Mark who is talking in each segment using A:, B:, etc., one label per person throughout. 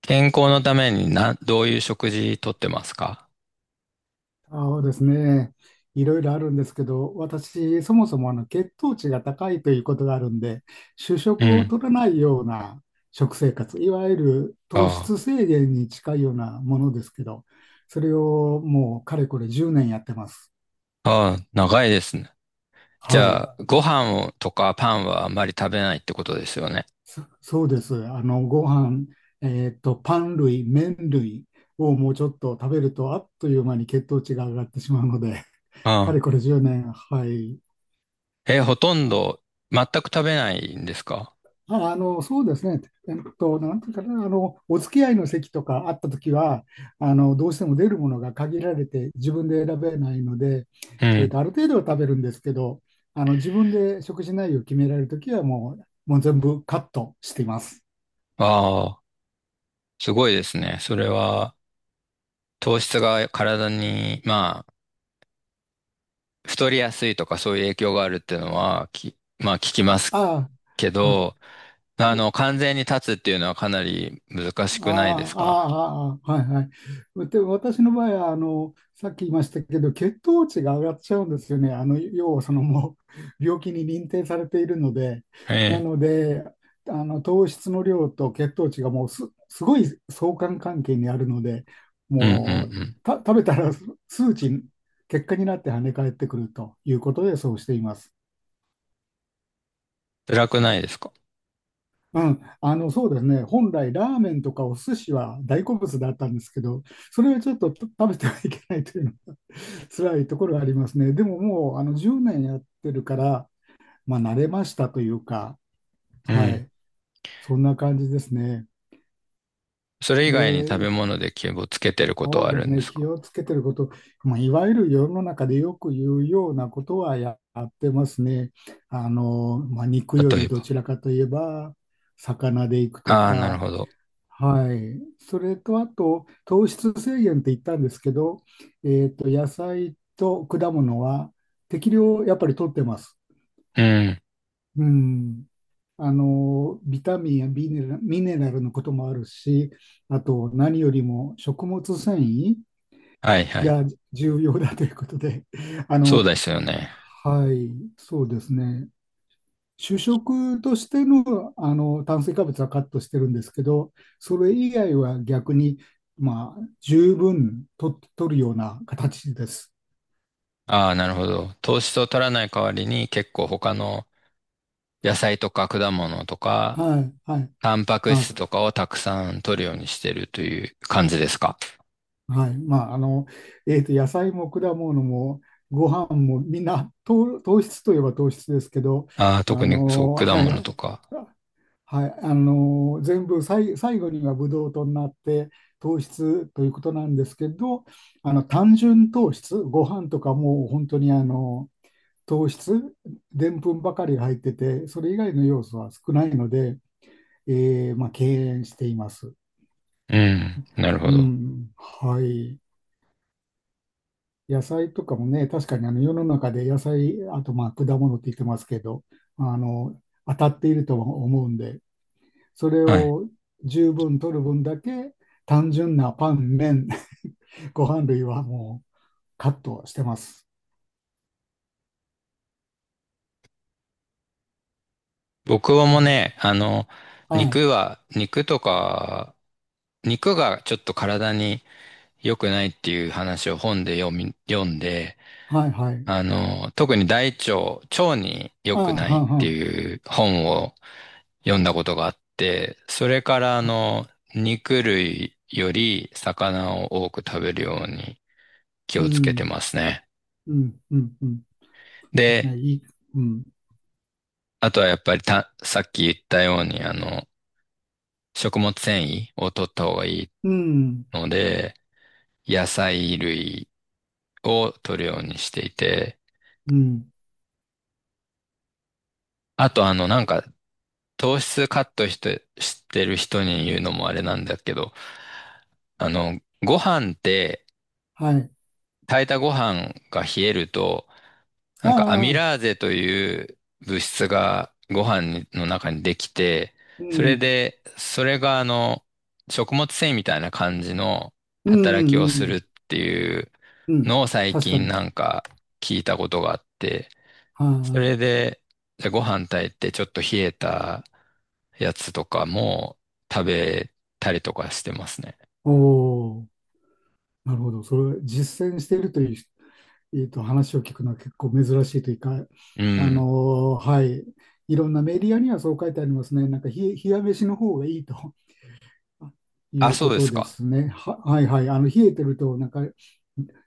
A: 健康のためにな、どういう食事とってますか？
B: そうですね。いろいろあるんですけど、私、そもそも血糖値が高いということがあるんで、主
A: う
B: 食を
A: ん。
B: 取らないような食生活、いわゆる糖
A: あ
B: 質制限に近いようなものですけど、それをもうかれこれ10年やってます。
A: あ、ああ、長いですね。じ
B: は
A: ゃ
B: い。
A: あ、ご飯をとかパンはあまり食べないってことですよね。
B: そうです。ご飯、パン類、麺類をもうちょっと食べると、あっという間に血糖値が上がってしまうので、か
A: ああ。
B: れこれ10年、はい、
A: え、ほとんど全く食べないんですか？
B: そうですね。えっと、なんていうかな、あの、お付き合いの席とかあったときは、どうしても出るものが限られて、自分で選べないので、
A: うん。
B: ある程度は食べるんですけど、自分で食事内容を決められるときは、もう全部カットしています。
A: ああ、すごいですね。それは糖質が体に、まあ、太りやすいとかそういう影響があるっていうのは、まあ聞きます
B: あ
A: け
B: あ、は
A: ど、
B: い。
A: あの、完全に断つっていうのはかなり難しくないで
B: あ
A: す
B: あ、あ
A: か？
B: あ、ああ、はいはい。で、私の場合は、さっき言いましたけど、血糖値が上がっちゃうんですよね。要はそのもう、病気に認定されているので、
A: え
B: なの
A: え。
B: で、糖質の量と血糖値がもうす、すごい相関関係にあるので、
A: うんう
B: もう、
A: ん。
B: 食べたら数値、結果になって跳ね返ってくるということで、そうしています。
A: 辛くないですか？
B: うん、そうですね、本来、ラーメンとかお寿司は大好物だったんですけど、それはちょっとと食べてはいけないというの、辛いところがありますね。でももう10年やってるから、まあ、慣れましたというか、
A: う
B: は
A: ん。
B: い、そんな感じですね。
A: それ以外に食べ
B: で、
A: 物で気をつけてること
B: そ
A: は
B: う
A: あ
B: で
A: る
B: す
A: んで
B: ね、
A: す
B: 気
A: か？
B: をつけてること、まあ、いわゆる世の中でよく言うようなことはやってますね。まあ、肉
A: 例
B: より
A: え
B: ど
A: ば。
B: ちらかといえば、魚でいくと
A: ああ、なる
B: か、
A: ほど。
B: はい。それと、あと、糖質制限って言ったんですけど、野菜と果物は適量やっぱり取ってます。
A: うん。
B: うん。ビタミンやミネラルのこともあるし、あと、何よりも食物繊維
A: はいはい。
B: が重要だということで、あ
A: そう
B: の、
A: ですよね。
B: はい、そうですね。主食としての、炭水化物はカットしてるんですけど、それ以外は逆に、まあ、十分と取るような形です。
A: ああ、なるほど。糖質を取らない代わりに結構他の野菜とか果物とか、
B: はい、はい、
A: タンパク
B: あ、
A: 質
B: そ
A: とかをたくさん取るようにしてるという感じですか？
B: はい、まあ、野菜も果物もご飯もみんな糖質といえば糖質ですけど、
A: ああ、特にそう、果
B: は
A: 物
B: い、
A: とか。
B: はい、全部さい最後にはブドウ糖になって糖質ということなんですけど、単純糖質、ご飯とかもう本当に糖質、でんぷんばかりが入っててそれ以外の要素は少ないので、まあ、敬遠しています。
A: うん、なる
B: う
A: ほど。
B: ん、はい、野菜とかもね、確かに世の中で野菜、あとまあ果物って言ってますけど、あの当たっているとは思うんで。それ
A: はい。
B: を十分取る分だけ、単純なパン、麺、ご飯類はもうカットしてます。
A: 僕
B: う
A: も
B: ん、
A: ね、あの、
B: はい、
A: 肉は、肉とか、肉がちょっと体に良くないっていう話を本で読んで、
B: はい、はい。
A: あの、特に大腸、腸に良
B: あ
A: く
B: あ、
A: ない
B: は
A: っ
B: んは
A: て
B: ん。
A: いう本を読んだことがあって、それからあ
B: あ、
A: の、肉類より魚を多く食べるように気
B: う
A: をつけて
B: ん、
A: ますね。
B: うん、うん、うん。
A: で、
B: ね、いい、うん、
A: あとはやっぱりさっき言ったようにあの、食物繊維を取った方がいい
B: うん、
A: ので、野菜類を取るようにしていて、
B: うん。
A: あとあの、なんか糖質カットして、してる人に言うのもあれなんだけど、あの、ご飯って、
B: はい。
A: 炊いたご飯が冷えると、
B: あ
A: なんかアミラ
B: あ、
A: ーゼという物質がご飯の中にできて、
B: う
A: それ
B: ん、
A: で、それがあの、食物繊維みたいな感じの
B: うん、
A: 働
B: う
A: きを
B: ん、う
A: するっ
B: ん。
A: ていう
B: うん、
A: のを最
B: 確か
A: 近
B: に。
A: なんか聞いたことがあって、
B: は
A: そ
B: い。
A: れで、じゃあご飯炊いてちょっと冷えたやつとかも食べたりとかしてますね。
B: お。お、なるほど。それ、実践しているという、話を聞くのは結構珍しいというか、
A: うん。
B: はい、いろんなメディアにはそう書いてありますね。なんか、ひ、冷や飯の方がいいと い
A: あ、
B: う
A: そう
B: こ
A: で
B: と
A: す
B: で
A: か。
B: すね。はいはい。あの冷えてると、なんか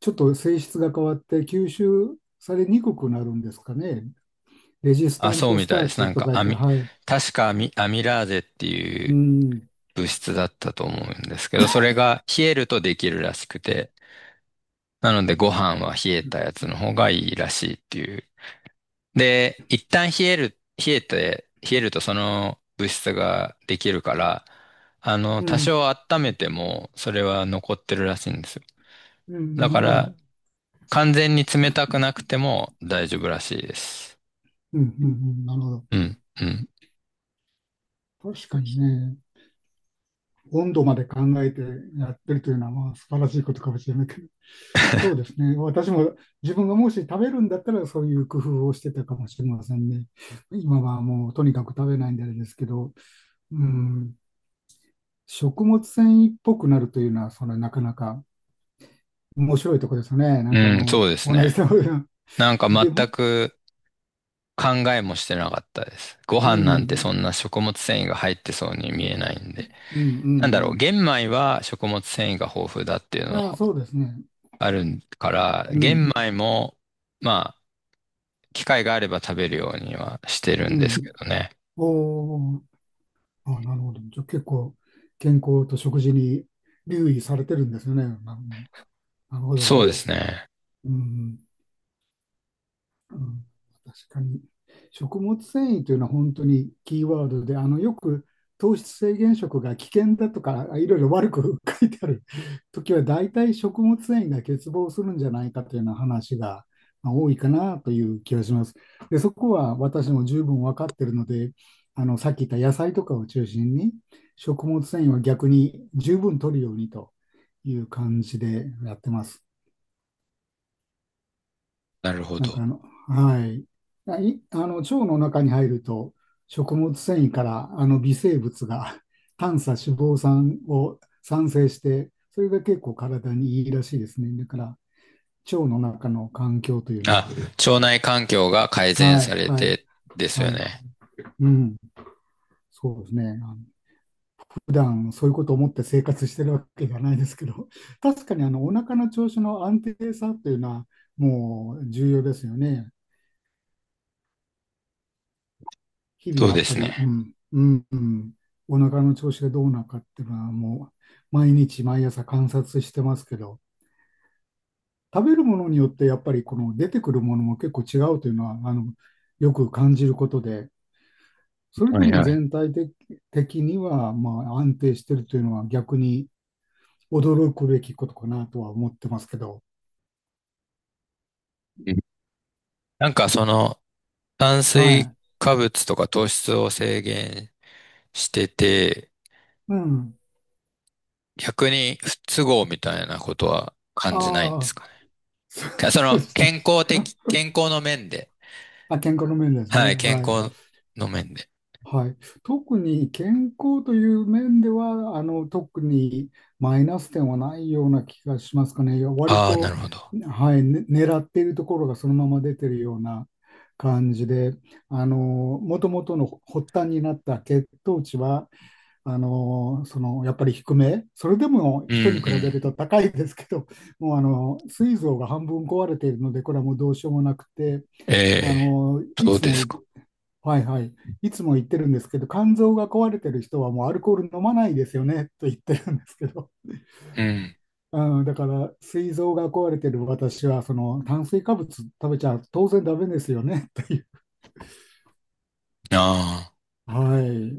B: ちょっと性質が変わって吸収されにくくなるんですかね。レジス
A: あ、
B: タン
A: そう
B: ト
A: み
B: スタ
A: たい
B: ー
A: です。な
B: チ
A: ん
B: と
A: か、
B: 書いて、はい。
A: 確かアミラーゼってい
B: う
A: う
B: ん、
A: 物質だったと思うんですけど、それが冷えるとできるらしくて、なのでご飯は冷えたやつの方がいいらしいっていう。で、一旦冷える、冷えて、冷えるとその物質ができるから、あの、
B: う
A: 多
B: ん、
A: 少温めても、それは残ってるらしいんですよ。
B: うん、
A: だう
B: な
A: か
B: るほ
A: ら、ん。
B: ど。
A: 完全に冷たくなくても大丈夫らしいです。
B: うん、うん、うん、なるほ
A: うん、うん。
B: ど。確かにね。温度まで考えてやってるというのはまあ素晴らしいことかもしれないけど、そうですね。私も自分がもし食べるんだったらそういう工夫をしてたかもしれませんね。今はもうとにかく食べないんであれですけど、うん、食物繊維っぽくなるというのは、そのなかなか面白いところですね。な
A: う
B: んかあ
A: ん、
B: の、
A: そうです
B: 同
A: ね。
B: じ食べ物
A: なんか
B: で、う
A: 全
B: ん、
A: く考えもしてなかったです。ご
B: う
A: 飯なんてそ
B: ん、
A: んな食物繊維が入ってそうに見えないんで。
B: うん、う
A: なんだろう、
B: ん。
A: 玄米は食物繊維が豊富だっていうの
B: まあそうですね。
A: あるから、
B: う
A: 玄
B: ん、
A: 米も、まあ、機会があれば食べるようにはしてる
B: う
A: んですけ
B: ん。
A: どね。
B: おー、あ、なるほど。じゃあ結構健康と食事に留意されてるんですよね。な、なるほど。
A: そうですね。
B: うん。うん、確かに。食物繊維というのは本当にキーワードで、よく糖質制限食が危険だとか、いろいろ悪く 書いてある時は、大体食物繊維が欠乏するんじゃないかというような話がまあ多いかなという気がします。で、そこは私も十分分かっているので、さっき言った野菜とかを中心に、食物繊維は逆に十分取るようにという感じでやってます。
A: なるほ
B: なんか
A: ど。
B: あの、はい。腸の中に入ると、食物繊維から微生物が 短鎖脂肪酸を産生して、それが結構体にいいらしいですね。だから、腸の中の環境というの
A: あ、
B: は、
A: 腸内環境が改善
B: はい、
A: され
B: はい、
A: てですよ
B: はい、
A: ね。
B: うん、そうですね。普段そういうことを思って生活してるわけじゃないですけど、確かにお腹の調子の安定さというのは、もう重要ですよね。日々
A: そう
B: や
A: で
B: っぱ
A: す
B: り、う
A: ね。
B: ん、うん、うん、お腹の調子がどうなのかっていうのはもう毎日毎朝観察してますけど、食べるものによってやっぱりこの出てくるものも結構違うというのは、よく感じることで、それ
A: は
B: で
A: い
B: も
A: はい。
B: 全体的にはまあ安定してるというのは逆に驚くべきことかなとは思ってますけど、
A: うん。なんかその炭水
B: は
A: 化物とか糖質を制限してて、
B: い。うん。
A: 逆に不都合みたいなことは感じないんで
B: あ
A: す
B: あ、
A: かね。
B: そ
A: そ
B: う
A: の
B: ですね。
A: 健康の面で。
B: あ、健康の面です
A: はい、
B: ね。
A: 健
B: はい。
A: 康の面で。
B: はい、特に健康という面では特にマイナス点はないような気がしますかね。割
A: ああ、なる
B: と、
A: ほど。
B: はい、ね、狙っているところがそのまま出てるような感じで、元々の発端になった血糖値はそのやっぱり低め、それでも
A: うんう
B: 人に比べる
A: ん。
B: と高いですけど、もう膵臓が半分壊れているので、これはもうどうしようもなくて、
A: ええ、
B: い
A: そう
B: つ
A: で
B: も
A: すか。
B: はいはい。いつも言ってるんですけど、肝臓が壊れてる人はもうアルコール飲まないですよねと言ってるんですけど、
A: うん。
B: うん、だから、膵臓が壊れてる私は、その炭水化物食べちゃ当然ダメですよねという。
A: ああ。
B: はい。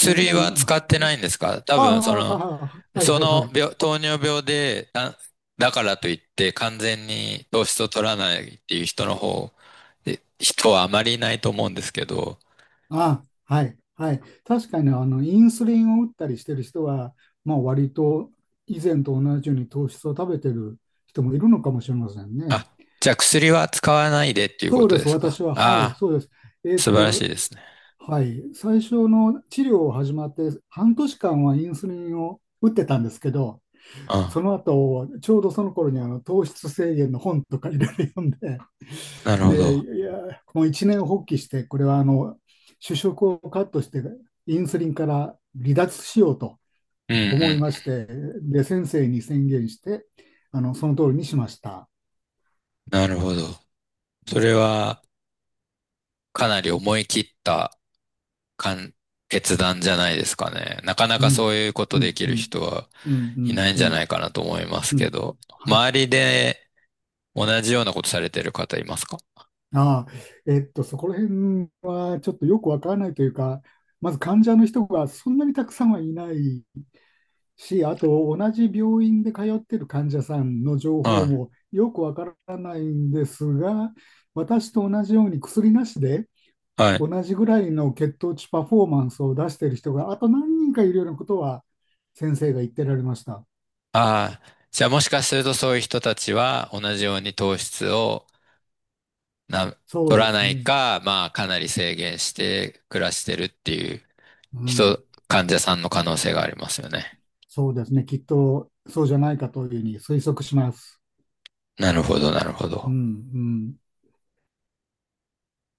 B: ダメな
A: は
B: の
A: 使
B: が。
A: ってないんですか？多
B: あ
A: 分、
B: あ、は、はい
A: そ
B: はいは
A: の
B: い。
A: 病、糖尿病で、だからといって完全に糖質を取らないっていう人の方、で人はあまりいないと思うんですけど、
B: ああ、はいはい。確かに、インスリンを打ったりしてる人は、まあ、割と以前と同じように糖質を食べてる人もいるのかもしれませんね。
A: あ、じゃあ薬は使わないでっていうこ
B: そう
A: と
B: で
A: で
B: す、
A: すか？
B: 私は。はい、
A: ああ、
B: そうです。えっ
A: 素晴ら
B: と、
A: しいですね。
B: はい、最初の治療を始まって半年間はインスリンを打ってたんですけど、そ
A: あ、
B: の後、ちょうどその頃に糖質制限の本とかいろいろ読んで、
A: なる ほ
B: で、
A: ど。
B: いや、もう一年発起して、これはあの主食をカットして、インスリンから離脱しようと
A: うん
B: 思い
A: う
B: まして、で、先生に宣言して、その通りにしました。
A: ん。なるほど。
B: う
A: それ
B: ん、
A: はかなり思い切ったかん決断じゃないですかね。なかな
B: う
A: かそ
B: ん、
A: ういうこと
B: う
A: で
B: ん、
A: き
B: う
A: る
B: ん、
A: 人は
B: うん、う
A: い
B: ん、
A: ないん
B: うん、う
A: じゃな
B: ん、
A: いかなと思います
B: う
A: け
B: ん。
A: ど、周りで同じようなことされてる方いますか？
B: ああ、そこら辺はちょっとよくわからないというか、まず患者の人がそんなにたくさんはいないし、あと同じ病院で通っている患者さんの情報
A: は
B: もよくわからないんですが、私と同じように薬なしで
A: い。はい。
B: 同じぐらいの血糖値パフォーマンスを出している人があと何人かいるようなことは先生が言ってられました。
A: ああ、じゃあもしかするとそういう人たちは同じように糖質をな、
B: そう
A: 取
B: で
A: ら
B: す
A: ない
B: ね。
A: か、まあかなり制限して暮らしてるっていう
B: うん。
A: 人、患者さんの可能性がありますよね。
B: そうですね。きっとそうじゃないかというふうに推測します。
A: なるほど、なるほ
B: うん、
A: ど。
B: うん。